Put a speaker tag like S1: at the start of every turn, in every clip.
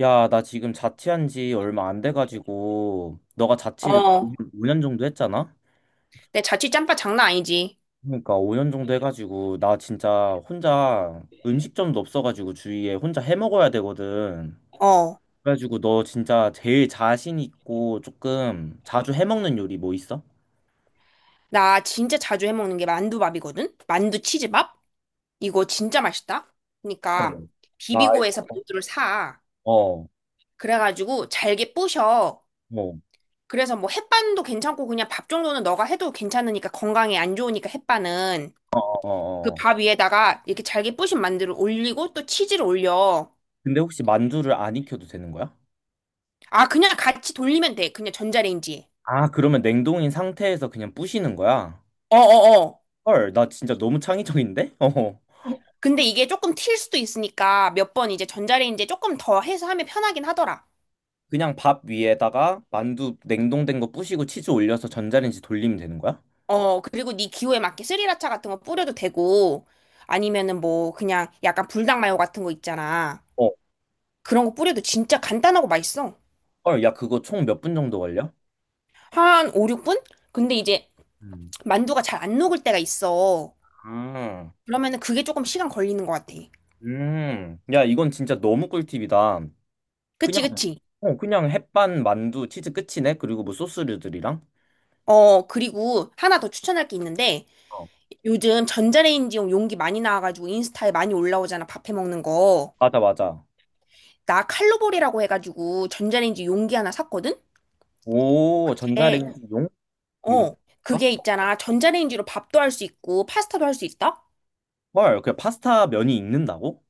S1: 야, 나 지금 자취한 지 얼마 안 돼가지고, 너가 자취를
S2: 어,
S1: 5년 정도 했잖아?
S2: 내 자취 짬밥 장난 아니지.
S1: 그러니까 5년 정도 해가지고, 나 진짜 혼자 음식점도 없어가지고 주위에 혼자 해 먹어야 되거든.
S2: 어,
S1: 그래가지고 너 진짜 제일 자신 있고 조금 자주 해 먹는 요리 뭐 있어?
S2: 나 진짜 자주 해먹는 게 만두밥이거든? 만두 치즈밥? 이거 진짜 맛있다?
S1: 어,
S2: 그러니까,
S1: 나
S2: 비비고에서 만두를 사.
S1: 어,
S2: 그래가지고 잘게 부셔.
S1: 뭐,
S2: 그래서 뭐 햇반도 괜찮고 그냥 밥 정도는 너가 해도 괜찮으니까 건강에 안 좋으니까 햇반은.
S1: 어, 어,
S2: 그
S1: 어, 어.
S2: 밥 위에다가 이렇게 잘게 부신 만두를 올리고 또 치즈를 올려.
S1: 근데 혹시 만두를 안 익혀도 되는 거야?
S2: 아, 그냥 같이 돌리면 돼. 그냥 전자레인지에.
S1: 아, 그러면 냉동인 상태에서 그냥 부시는 거야?
S2: 어어어.
S1: 헐, 나 진짜 너무 창의적인데? 어.
S2: 근데 이게 조금 튈 수도 있으니까 몇 번 이제 전자레인지에 조금 더 해서 하면 편하긴 하더라.
S1: 그냥 밥 위에다가 만두 냉동된 거 부시고 치즈 올려서 전자레인지 돌리면 되는 거야?
S2: 어, 그리고 네 기호에 맞게 스리라차 같은 거 뿌려도 되고 아니면은 뭐 그냥 약간 불닭 마요 같은 거 있잖아.
S1: 어.
S2: 그런 거 뿌려도 진짜 간단하고 맛있어.
S1: 헐, 야, 그거 총 몇 분 정도 걸려?
S2: 한 5, 6분? 근데 이제
S1: 음.
S2: 만두가 잘 안 녹을 때가 있어.
S1: 아,
S2: 그러면은 그게 조금 시간 걸리는 것 같아.
S1: 야, 이건 진짜 너무 꿀팁이다.
S2: 그치,
S1: 그냥,
S2: 그치.
S1: 어, 그냥 햇반, 만두, 치즈 끝이네? 그리고 뭐 소스류들이랑?
S2: 어, 그리고 하나 더 추천할 게 있는데
S1: 어.
S2: 요즘 전자레인지용 용기 많이 나와가지고 인스타에 많이 올라오잖아. 밥해 먹는 거.
S1: 맞아, 맞아.
S2: 나 칼로볼이라고 해가지고 전자레인지 용기 하나 샀거든?
S1: 오,
S2: 네.
S1: 전자레인지 용? 용?
S2: 어.
S1: 가
S2: 그게 있잖아. 전자레인지로 밥도 할 수 있고 파스타도 할 수 있다?
S1: 헐, 그냥 파스타 면이 익는다고?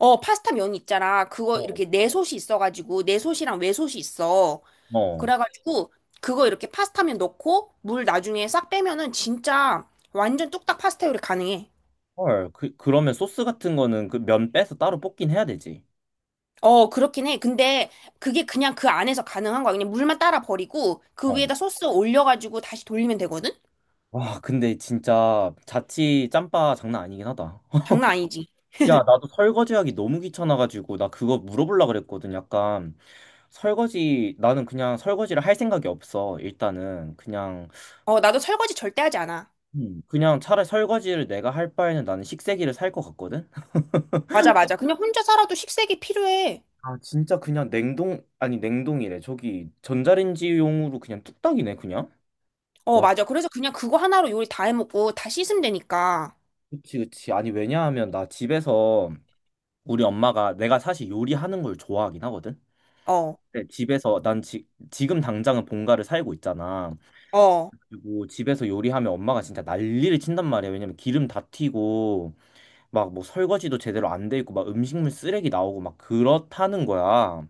S2: 어, 파스타 면 있잖아. 그거
S1: 어.
S2: 이렇게 내솥이 있어가지고 내솥이랑 외솥이 있어.
S1: 어.
S2: 그래가지고 그거 이렇게 파스타면 넣고 물 나중에 싹 빼면은 진짜 완전 뚝딱 파스타 요리 가능해.
S1: 헐, 그, 그러면 소스 같은 거는 그 면 빼서 따로 볶긴 해야 되지.
S2: 어, 그렇긴 해. 근데 그게 그냥 그 안에서 가능한 거야. 그냥 물만 따라 버리고 그
S1: 어.
S2: 위에다 소스 올려가지고 다시 돌리면 되거든?
S1: 와, 근데 진짜 자취 짬바 장난 아니긴 하다.
S2: 장난 아니지.
S1: 야, 나도 설거지하기 너무 귀찮아가지고 나 그거 물어보려고 그랬거든. 약간 설거지 나는 그냥 설거지를 할 생각이 없어. 일단은 그냥
S2: 어, 나도 설거지 절대 하지 않아.
S1: 그냥 차라리 설거지를 내가 할 바에는 나는 식세기를 살 것 같거든.
S2: 맞아, 맞아. 그냥 혼자 살아도 식색이 필요해.
S1: 아, 진짜 그냥 냉동 아니 냉동이래. 저기 전자레인지용으로 그냥 뚝딱이네, 그냥.
S2: 어,
S1: 와,
S2: 맞아. 그래서 그냥 그거 하나로 요리 다 해먹고 다 씻으면 되니까.
S1: 그치, 그치. 아니, 왜냐하면 나 집에서 우리 엄마가 내가 사실 요리하는 걸 좋아하긴 하거든.
S2: 어,
S1: 네, 집에서 지금 당장은 본가를 살고 있잖아.
S2: 어,
S1: 그리고 집에서 요리하면 엄마가 진짜 난리를 친단 말이야. 왜냐면 기름 다 튀고 막 뭐 설거지도 제대로 안 돼 있고 막 음식물 쓰레기 나오고 막 그렇다는 거야.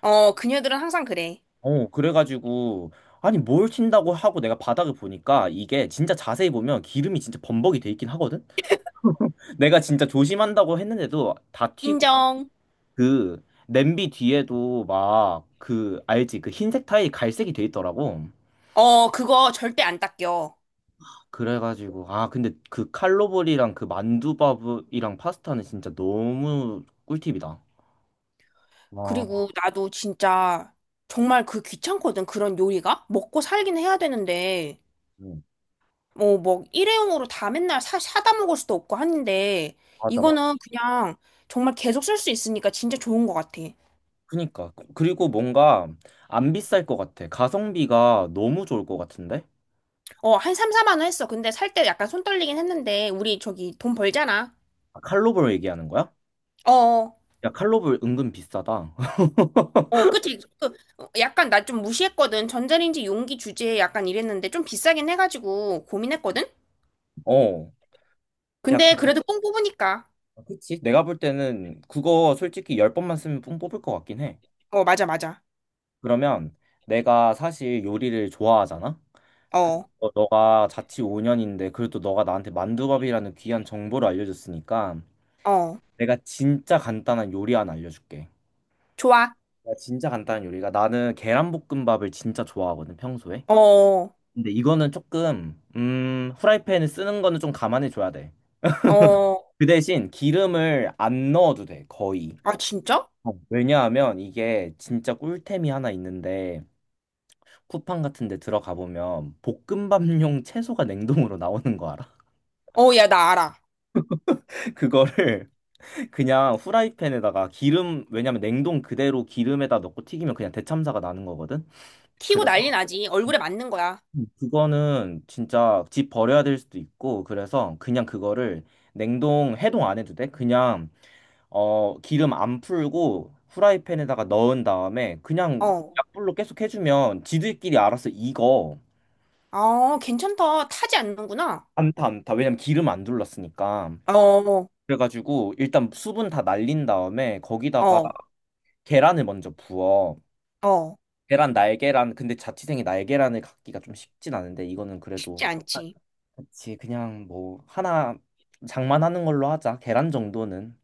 S2: 어, 그녀들은 항상 그래.
S1: 어, 그래가지고 아니 뭘 친다고 하고 내가 바닥을 보니까 이게 진짜 자세히 보면 기름이 진짜 범벅이 돼 있긴 하거든. 내가 진짜 조심한다고 했는데도 다 튀고
S2: 인정.
S1: 그 냄비 뒤에도 막 그 알지? 그 흰색 타일이 갈색이 돼 있더라고.
S2: 어, 그거 절대 안 닦여.
S1: 그래가지고 아 근데 그 칼로벌이랑 그 만두밥이랑 파스타는 진짜 너무 꿀팁이다. 와,
S2: 그리고 나도 진짜 정말 그 귀찮거든. 그런 요리가. 먹고 살긴 해야 되는데.
S1: 음,
S2: 뭐, 뭐, 일회용으로 다 맨날 사다 먹을 수도 없고 하는데.
S1: 맞아, 맞아.
S2: 이거는 그냥 정말 계속 쓸 수 있으니까 진짜 좋은 것 같아.
S1: 그니까 그리고 뭔가 안 비쌀 것 같아. 가성비가 너무 좋을 것 같은데?
S2: 어, 한 3, 4만 원 했어. 근데 살 때 약간 손 떨리긴 했는데, 우리 저기 돈 벌잖아.
S1: 아, 칼로벌 얘기하는 거야?
S2: 어, 어,
S1: 야 칼로벌 은근 비싸다.
S2: 어, 그치. 그, 약간 나 좀 무시했거든. 전자레인지 용기 주제에 약간 이랬는데, 좀 비싸긴 해가지고 고민했거든?
S1: 어, 야
S2: 근데 그래도 뽕 뽑으니까.
S1: 그치? 내가 볼 때는 그거 솔직히 열 번만 쓰면 뽕 뽑을 것 같긴 해.
S2: 어, 맞아, 맞아.
S1: 그러면 내가 사실 요리를 좋아하잖아.
S2: 어,
S1: 어, 너가 자취 5년인데 그래도 너가 나한테 만두밥이라는 귀한 정보를 알려줬으니까
S2: 어.
S1: 내가 진짜 간단한 요리 하나 알려줄게.
S2: 좋아.
S1: 내가 진짜 간단한 요리가 나는 계란볶음밥을 진짜 좋아하거든 평소에.
S2: 어,
S1: 근데 이거는 조금 후라이팬을 쓰는 거는 좀 감안해 줘야 돼.
S2: 어.
S1: 그 대신 기름을 안 넣어도 돼 거의.
S2: 아, 진짜?
S1: 어, 왜냐하면 이게 진짜 꿀템이 하나 있는데 쿠팡 같은 데 들어가 보면 볶음밥용 채소가 냉동으로 나오는 거 알아?
S2: 어, 야, 나 알아.
S1: 그거를 그냥 후라이팬에다가 기름, 왜냐면 냉동 그대로 기름에다 넣고 튀기면 그냥 대참사가 나는 거거든.
S2: 튀고 난리
S1: 그래서
S2: 나지. 얼굴에 맞는 거야.
S1: 그거는 진짜 집 버려야 될 수도 있고, 그래서 그냥 그거를 냉동 해동 안 해도 돼. 그냥 어, 기름 안 풀고 후라이팬에다가 넣은 다음에 그냥
S2: 어.
S1: 약불로 계속 해주면 지들끼리 알아서 익어.
S2: 어, 괜찮다. 타지 않는구나.
S1: 안타 안타. 왜냐면 기름 안 둘렀으니까.
S2: 어,
S1: 그래가지고 일단 수분 다 날린 다음에 거기다가
S2: 어,
S1: 계란을 먼저 부어.
S2: 어.
S1: 계란 날계란 근데 자취생이 날계란을 갖기가 좀 쉽진 않은데 이거는
S2: 쉽지
S1: 그래도
S2: 않지.
S1: 그치 그냥 뭐 하나 장만하는 걸로 하자 계란 정도는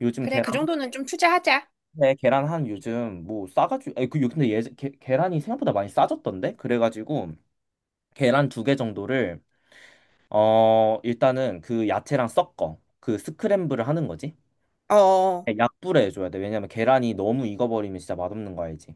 S1: 요즘
S2: 그래,
S1: 계란
S2: 그 정도는 좀 투자하자.
S1: 네, 계란 한 요즘 뭐 싸가지고 아니, 근데 예 계란이 생각보다 많이 싸졌던데 그래가지고 계란 두 개 정도를 어 일단은 그 야채랑 섞어 그 스크램블을 하는 거지
S2: 어, 어,
S1: 네, 약불에 해줘야 돼 왜냐면 계란이 너무 익어버리면 진짜 맛없는 거 알지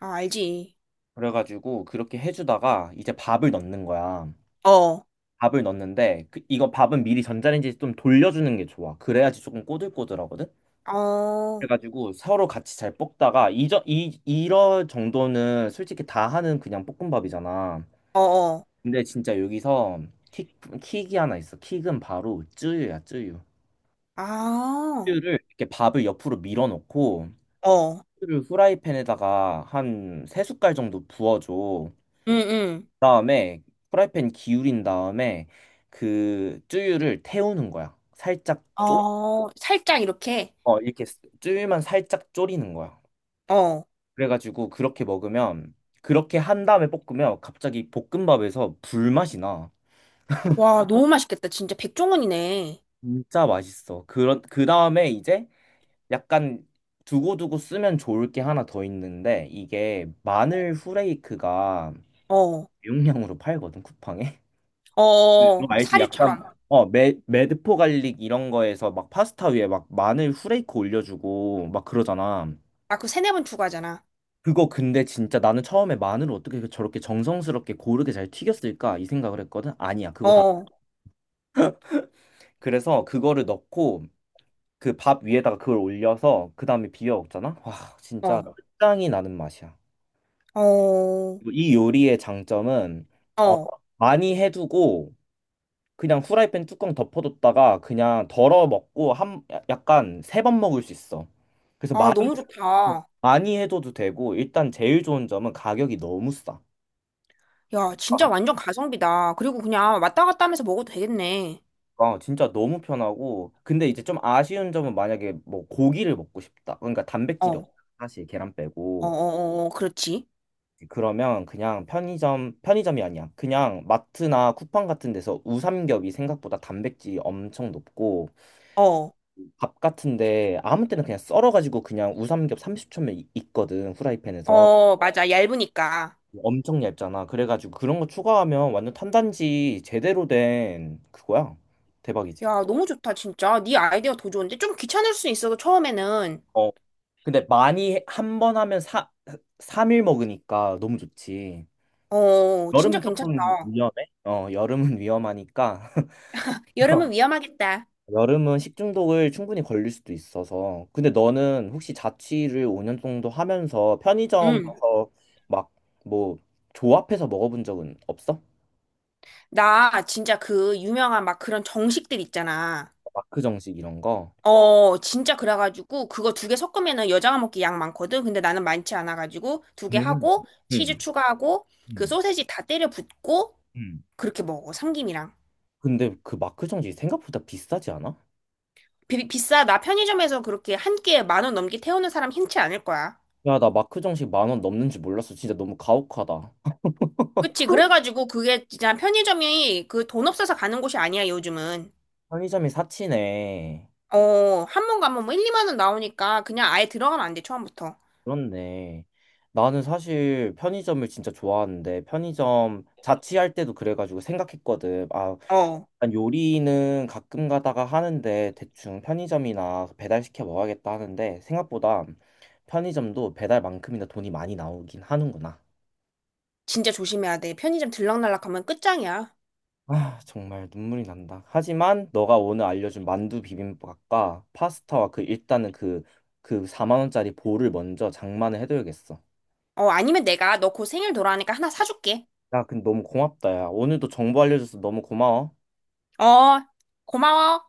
S2: 아, 알지.
S1: 그래가지고 그렇게 해주다가 이제 밥을 넣는 거야
S2: 어,
S1: 밥을 넣는데 이거 밥은 미리 전자레인지에 좀 돌려주는 게 좋아. 그래야지 조금 꼬들꼬들하거든.
S2: 어,
S1: 그래가지고 서로 같이 잘 볶다가 이저 이 이런 정도는 솔직히 다 하는 그냥 볶음밥이잖아.
S2: 어, 어.
S1: 근데 진짜 여기서 킥 킥이 하나 있어. 킥은 바로 쯔유야, 쯔유.
S2: 아,
S1: 쯔유를 이렇게 밥을 옆으로 밀어놓고
S2: 어,
S1: 쯔유를 후라이팬에다가 한 세 숟갈 정도 부어줘.
S2: 응, 응.
S1: 그다음에 후라이팬 기울인 다음에 그 쯔유를 태우는 거야. 살짝
S2: 어, 살짝 이렇게.
S1: 어, 이렇게 쯔위만 살짝 졸이는 거야.
S2: 어.
S1: 그래가지고 그렇게 먹으면 그렇게 한 다음에 볶으면 갑자기 볶음밥에서 불맛이 나.
S2: 와, 너무 맛있겠다. 진짜 백종원이네.
S1: 진짜 맛있어. 그런 그 다음에 이제 약간 두고두고 쓰면 좋을 게 하나 더 있는데 이게 마늘 후레이크가
S2: 어,
S1: 용량으로 팔거든 쿠팡에. 너
S2: 어,
S1: 알지? 약간
S2: 사류처럼.
S1: 매드포 갈릭 이런 거에서 막 파스타 위에 막 마늘 후레이크 올려주고 막 그러잖아.
S2: 아, 그 세네 번 추가하잖아.
S1: 그거 근데 진짜 나는 처음에 마늘을 어떻게 그 저렇게 정성스럽게 고르게 잘 튀겼을까 이 생각을 했거든. 아니야,
S2: 어,
S1: 그거 다.
S2: 어,
S1: 그래서 그거를 넣고 그 밥 위에다가 그걸 올려서 그 다음에 비벼 먹잖아. 와, 진짜 끝장이 나는 맛이야.
S2: 어,
S1: 그리고 이 요리의 장점은 어,
S2: 어.
S1: 많이 해두고 그냥 후라이팬 뚜껑 덮어뒀다가 그냥 덜어 먹고 한 약간 세 번 먹을 수 있어. 그래서
S2: 아,
S1: 많이
S2: 너무 좋다.
S1: 많이 해둬도 되고 일단 제일 좋은 점은 가격이 너무 싸.
S2: 야, 진짜 완전 가성비다. 그리고 그냥 왔다 갔다 하면서 먹어도 되겠네.
S1: 아, 진짜 너무 편하고 근데 이제 좀 아쉬운 점은 만약에 뭐 고기를 먹고 싶다. 그러니까
S2: 어,
S1: 단백질이 없다.
S2: 어,
S1: 사실 계란
S2: 어,
S1: 빼고
S2: 어, 어, 그렇지.
S1: 그러면 그냥 편의점 편의점이 아니야. 그냥 마트나 쿠팡 같은 데서 우삼겹이 생각보다 단백질이 엄청 높고
S2: 어.
S1: 밥 같은데 아무 때나 그냥 썰어가지고 그냥 우삼겹 30초면 있거든 후라이팬에서
S2: 어, 맞아. 얇으니까.
S1: 엄청 얇잖아. 그래가지고 그런 거 추가하면 완전 탄단지 제대로 된 그거야. 대박이지.
S2: 야, 너무 좋다, 진짜. 네 아이디어 더 좋은데? 좀 귀찮을 수 있어도 처음에는.
S1: 근데 많이 한 번 하면 3일 먹으니까 너무 좋지.
S2: 어, 진짜
S1: 여름은
S2: 괜찮다.
S1: 조금 위험해? 어, 여름은 위험하니까.
S2: 여름은 위험하겠다.
S1: 여름은 식중독을 충분히 걸릴 수도 있어서. 근데 너는 혹시 자취를 5년 정도 하면서
S2: 응.
S1: 편의점에서 막 뭐 조합해서 먹어본 적은 없어?
S2: 나 진짜 그 유명한 막 그런 정식들 있잖아.
S1: 마크 정식 이런 거?
S2: 어, 진짜 그래가지고 그거 두 개 섞으면은 여자가 먹기 양 많거든. 근데 나는 많지 않아가지고 두 개
S1: 음,
S2: 하고 치즈
S1: 음,
S2: 추가하고 그
S1: 음,
S2: 소세지 다 때려 붓고
S1: 음.
S2: 그렇게 먹어. 삼김이랑.
S1: 근데 그 마크 정식 생각보다 비싸지 않아?
S2: 비싸. 나 편의점에서 그렇게 한 끼에 만 원 넘게 태우는 사람 흔치 않을 거야.
S1: 야, 나 마크 정식 만 원 넘는 줄 몰랐어. 진짜 너무 가혹하다.
S2: 그치. 그래가지고 그게 진짜 편의점이 그 돈 없어서 가는 곳이 아니야, 요즘은.
S1: 편의점이 사치네.
S2: 어, 한 번 가면 뭐 1, 2만 원 나오니까 그냥 아예 들어가면 안 돼, 처음부터.
S1: 그렇네. 나는 사실 편의점을 진짜 좋아하는데 편의점 자취할 때도 그래가지고 생각했거든. 아,
S2: 어,
S1: 난 요리는 가끔 가다가 하는데 대충 편의점이나 배달시켜 먹어야겠다 하는데 생각보다 편의점도 배달만큼이나 돈이 많이 나오긴 하는구나.
S2: 진짜 조심해야 돼. 편의점 들락날락 하면 끝장이야.
S1: 아, 정말 눈물이 난다. 하지만 너가 오늘 알려준 만두 비빔밥과 파스타와 그 일단은 그 그 4만 원짜리 볼을 먼저 장만을 해둬야겠어.
S2: 어, 아니면 내가 너 곧 생일 돌아오니까 하나 사줄게.
S1: 야, 근데 너무 고맙다, 야. 오늘도 정보 알려줘서 너무 고마워.
S2: 어, 고마워.